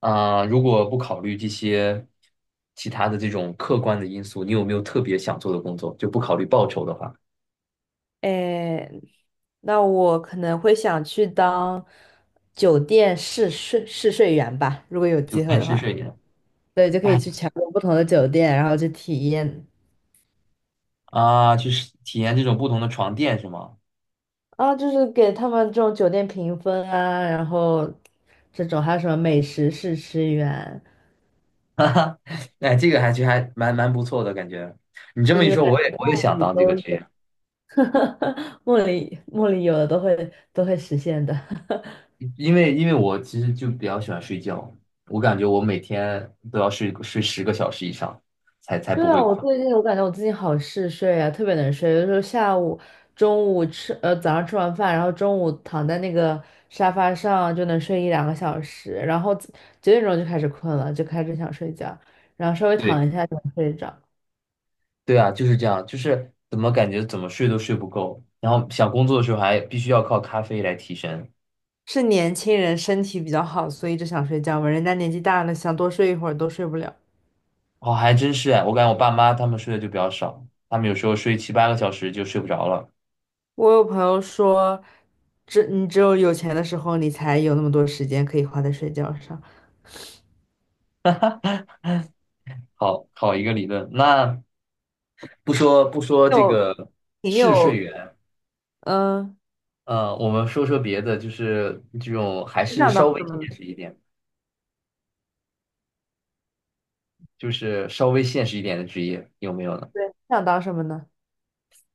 啊、如果不考虑这些其他的这种客观的因素，你有没有特别想做的工作？就不考虑报酬的话，哎，那我可能会想去当酒店试睡员吧，如果有就机会干的试话。睡员。对，就可以哎去全国不同的酒店，然后去体验啊，就是体验这种不同的床垫是吗？啊，就是给他们这种酒店评分啊，然后这种还有什么美食试吃员，哎，这个还其实还蛮不错的感觉。你这就么一是说，感我也觉我也梦想里当这个都职有。业，梦里有的都会实现的。因为我其实就比较喜欢睡觉，我感觉我每天都要睡10个小时以上，才对不啊，会我困。最近我感觉我最近好嗜睡啊，特别能睡。有的时候下午、中午吃，早上吃完饭，然后中午躺在那个沙发上就能睡一两个小时，然后九点钟就开始困了，就开始想睡觉，然后稍微对。躺一下就能睡着。对啊，就是这样，就是怎么感觉怎么睡都睡不够，然后想工作的时候还必须要靠咖啡来提神。是年轻人身体比较好，所以就想睡觉嘛。人家年纪大了，想多睡一会儿都睡不了。哦，还真是哎，我感觉我爸妈他们睡的就比较少，他们有时候睡7、8个小时就睡不着了。我有朋友说，你只有钱的时候，你才有那么多时间可以花在睡觉上，好好一个理论，那不说这有个挺嗜睡有，源，嗯、我们说说别的，就是这种还你是想当稍微什么呢？现实一点，就是稍微现实一点的职业有没有呢？对，你想当什么呢？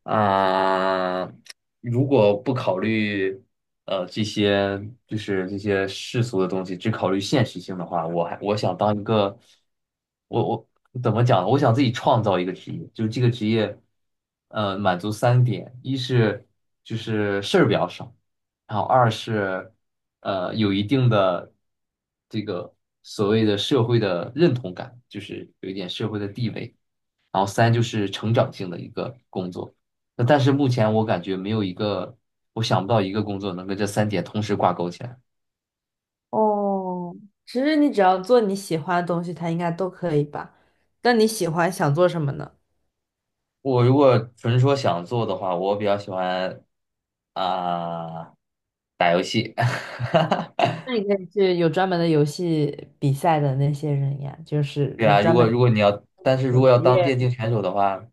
啊、如果不考虑这些就是这些世俗的东西，只考虑现实性的话，我想当一个，我我怎么讲呢，我想自己创造一个职业，就是这个职业，满足三点：一是就是事儿比较少，然后二是有一定的这个所谓的社会的认同感，就是有一点社会的地位。然后三就是成长性的一个工作。那但是目前我感觉没有一个，我想不到一个工作能跟这三点同时挂钩起来。哦，其实你只要做你喜欢的东西，它应该都可以吧？那你喜欢想做什么呢？我如果纯说想做的话，我比较喜欢啊、打游戏。那你可以去有专门的游戏比赛的那些人呀，就是对有啊，如专门果如果你要，但是如有果职要当业电竞选手的话，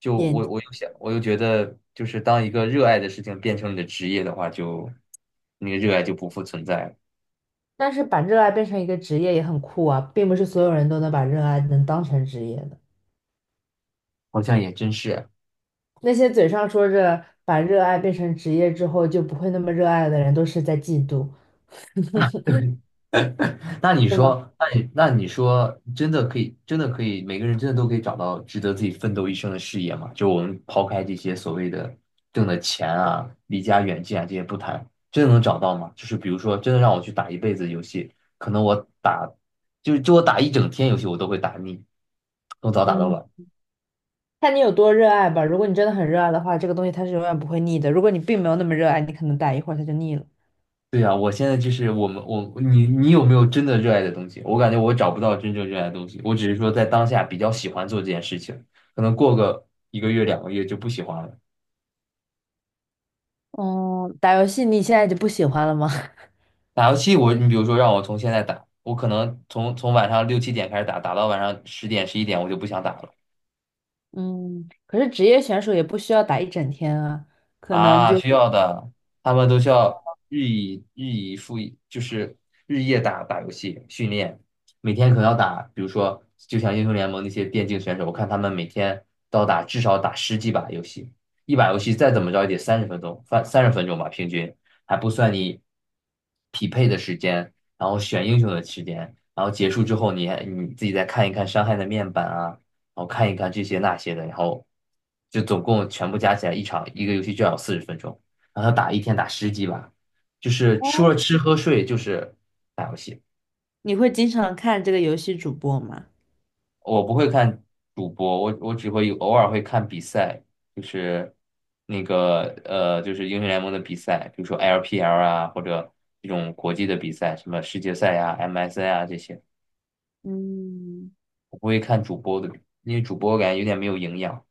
就电我竞。我又想，我又觉得就是当一个热爱的事情变成你的职业的话，就那个热爱就不复存在了。但是把热爱变成一个职业也很酷啊，并不是所有人都能把热爱能当成职业的。好像也真是。那些嘴上说着把热爱变成职业之后就不会那么热爱的人，都是在嫉妒，那你对吗？说，那你说，真的可以，真的可以，每个人真的都可以找到值得自己奋斗一生的事业吗？就我们抛开这些所谓的挣的钱啊、离家远近啊这些不谈，真的能找到吗？就是比如说，真的让我去打一辈子游戏，可能我打，就我打一整天游戏，我都会打腻，从早打到嗯。晚。看你有多热爱吧。如果你真的很热爱的话，这个东西它是永远不会腻的。如果你并没有那么热爱，你可能打一会儿它就腻了。对呀，我现在就是我们我你你有没有真的热爱的东西？我感觉我找不到真正热爱的东西，我只是说在当下比较喜欢做这件事情，可能过个一个月两个月就不喜欢了。哦，打游戏你现在就不喜欢了吗？打游戏我，你比如说让我从现在打，我可能从晚上6、7点开始打，打到晚上10点、11点我就不想打了。嗯，可是职业选手也不需要打一整天啊，可能啊，就需要的，他们都需要日以日以复以，就是日夜打打游戏训练，每天可能要打，比如说就像英雄联盟那些电竞选手，我看他们每天都要打至少打十几把游戏，一把游戏再怎么着也得三十分钟，三十分钟吧，平均还不算你匹配的时间，然后选英雄的时间，然后结束之后你还你自己再看一看伤害的面板啊。然后看一看这些那些的，然后就总共全部加起来一场一个游戏就要40分钟，然后他打一天打十几把，就是除了吃喝睡就是打游戏。你会经常看这个游戏主播吗？我不会看主播，我只会偶尔会看比赛，就是那个就是英雄联盟的比赛，比如说 LPL 啊，或者这种国际的比赛，什么世界赛呀、MSI 啊这些，嗯。我不会看主播的，因为主播我感觉有点没有营养。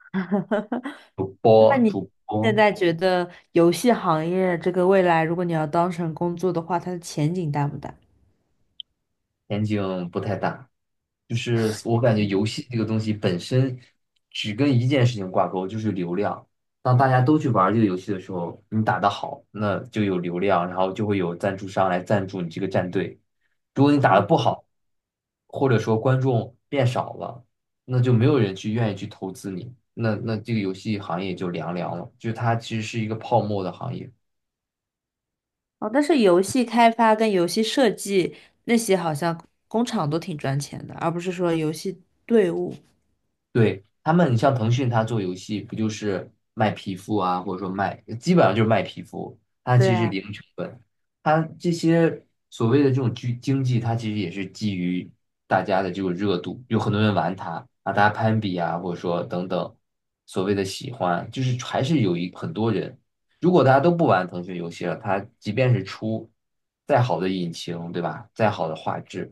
主播那你主现播在觉得游戏行业这个未来，如果你要当成工作的话，它的前景大不大？前景不太大。就是我感觉游戏这个东西本身只跟一件事情挂钩，就是流量。当大家都去玩这个游戏的时候，你打得好，那就有流量，然后就会有赞助商来赞助你这个战队。如果你打得嗯。不好，或者说观众变少了，那就没有人去愿意去投资你，那那这个游戏行业就凉凉了，就是它其实是一个泡沫的行业。哦，但是游戏开发跟游戏设计那些好像工厂都挺赚钱的，而不是说游戏队伍。对，他们，你像腾讯，它做游戏不就是卖皮肤啊，或者说卖，基本上就是卖皮肤，它对其实是啊，零成本。它这些所谓的这种经济，它其实也是基于大家的这种热度，有很多人玩它啊，大家攀比啊，或者说等等，所谓的喜欢，就是还是很多人。如果大家都不玩腾讯游戏了，它即便是出再好的引擎，对吧？再好的画质，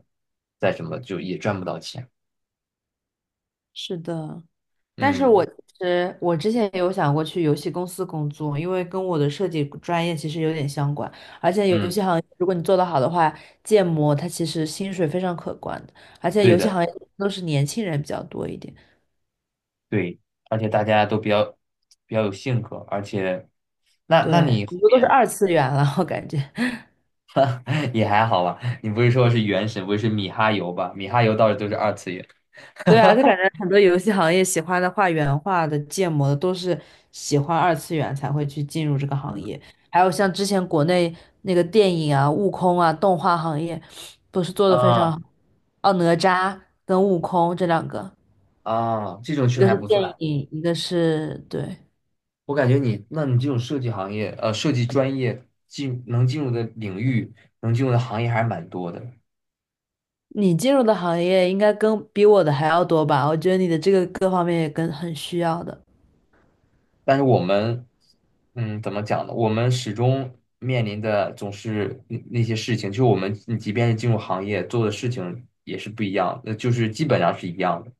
再什么，就也赚不到钱。是的。但是我嗯其实我之前有想过去游戏公司工作，因为跟我的设计专业其实有点相关，而且游嗯，戏行业如果你做得好的话，建模它其实薪水非常可观的，而且对游戏的。行业都是年轻人比较多一点，对，而且大家都比较比较有性格，而且，那对，那你后很多都是面 二次元了，我感觉。也还好吧？你不是说是原神，不是米哈游吧？米哈游倒是都是二次元。对啊，就感觉很多游戏行业喜欢的画原画的、建模的，都是喜欢二次元才会去进入这个行嗯业。还有像之前国内那个电影啊、悟空啊、动画行业，都是做的非常啊好。哦，哪吒跟悟空这两个，啊，这种确一实个还是不电算。影，一个是对。我感觉你，那你这种设计行业，设计专业进能进入的领域，能进入的行业还是蛮多的。你进入的行业应该跟比我的还要多吧？我觉得你的这个各方面也跟很需要的。但是我们，嗯，怎么讲呢？我们始终面临的总是那些事情，就是我们你即便是进入行业做的事情也是不一样，那就是基本上是一样的。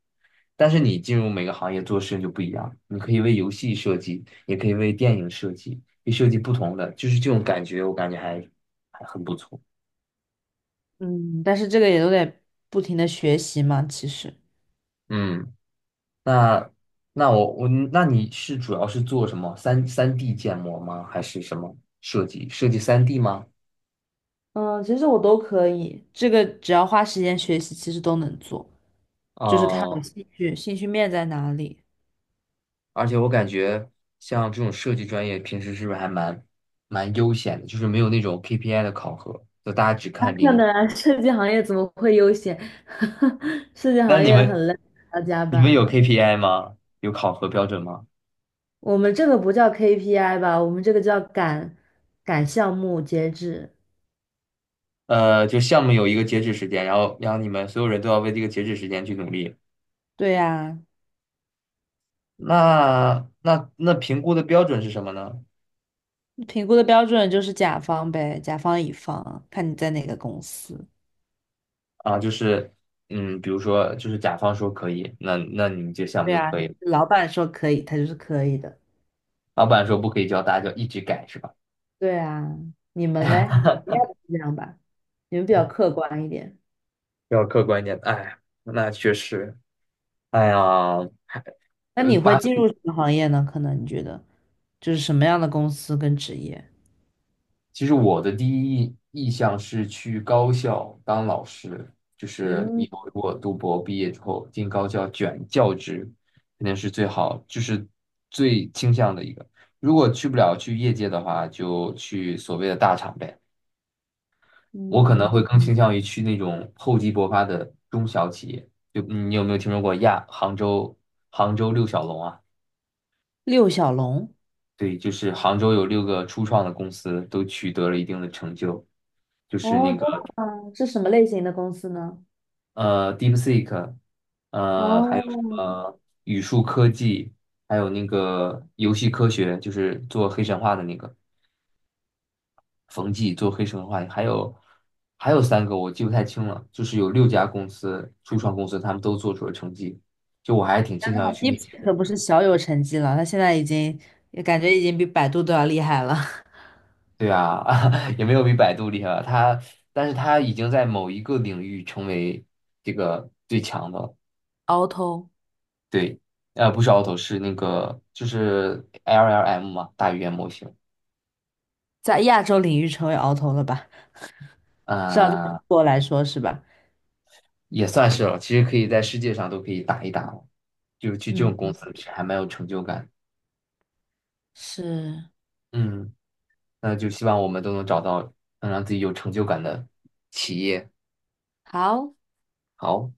但是你进入每个行业做的事情就不一样，你可以为游戏设计，也可以为电影设计，你设计不同的，就是这种感觉，我感觉还还很不错。嗯，但是这个也都得不停的学习嘛，其实。嗯，那那我我那你是主要是做什么？三 D 建模吗？还是什么设计？设计三 D 吗？嗯，其实我都可以，这个只要花时间学习，其实都能做，就是看我哦、兴趣面在哪里。而且我感觉像这种设计专业，平时是不是还蛮悠闲的，就是没有那种 KPI 的考核，就大家只那看看灵感。的啊，设计行业怎么会悠闲？设计那行你业们很累，还要加你们班有 呢。KPI 吗？有考核标准吗？我们这个不叫 KPI 吧，我们这个叫赶项目截止。就项目有一个截止时间，然后你们所有人都要为这个截止时间去努力。对呀，那评估的标准是什么呢？评估的标准就是甲方呗，甲方乙方，看你在哪个公司。啊，就是比如说就是甲方说可以，那你们这项目对就呀，可以了。老板说可以，他就是可以的。老板说不可以交，大家就一直改，是吧？对啊，你们嘞，你们应该不是这样吧？你们比较客观一点。要客观一点，哎，那确实。哎呀，那呃，你会八进岁入什么行业呢？可能你觉得就是什么样的公司跟职业？其实我的第一意向是去高校当老师，就是嗯以后如果读博毕业之后进高校卷教职，肯定是最好，就是最倾向的一个。如果去不了去业界的话，就去所谓的大厂呗。我可能嗯，会更倾向于去那种厚积薄发的中小企业。就你有没有听说过亚杭州杭州六小龙啊？六小龙。对，就是杭州有六个初创的公司都取得了一定的成就，就是哦，那真个的吗？是什么类型的公司呢？DeepSeek，还有什哦 么语数科技，还有那个游戏科学，就是做黑神话的那个冯骥做黑神话，还有三个我记不太清了，就是有六家公司初创公司他们都做出了成绩，就我还挺倾向于去 d e e 那 p s 些的。可不是小有成绩了，他现在已经也感觉已经比百度都要厉害了。对啊，也没有比百度厉害吧？它，但是它已经在某一个领域成为这个最强的了。鳌头。对，呃，不是 Auto，是那个就是 LLM 嘛，大语言模型。在亚洲领域成为鳌头了吧？至少对中嗯、国来说是吧？也算是了。其实可以在世界上都可以打一打了，就去这种公嗯，司是还蛮有成就感。是。嗯，那就希望我们都能找到能让自己有成就感的企业。好，好。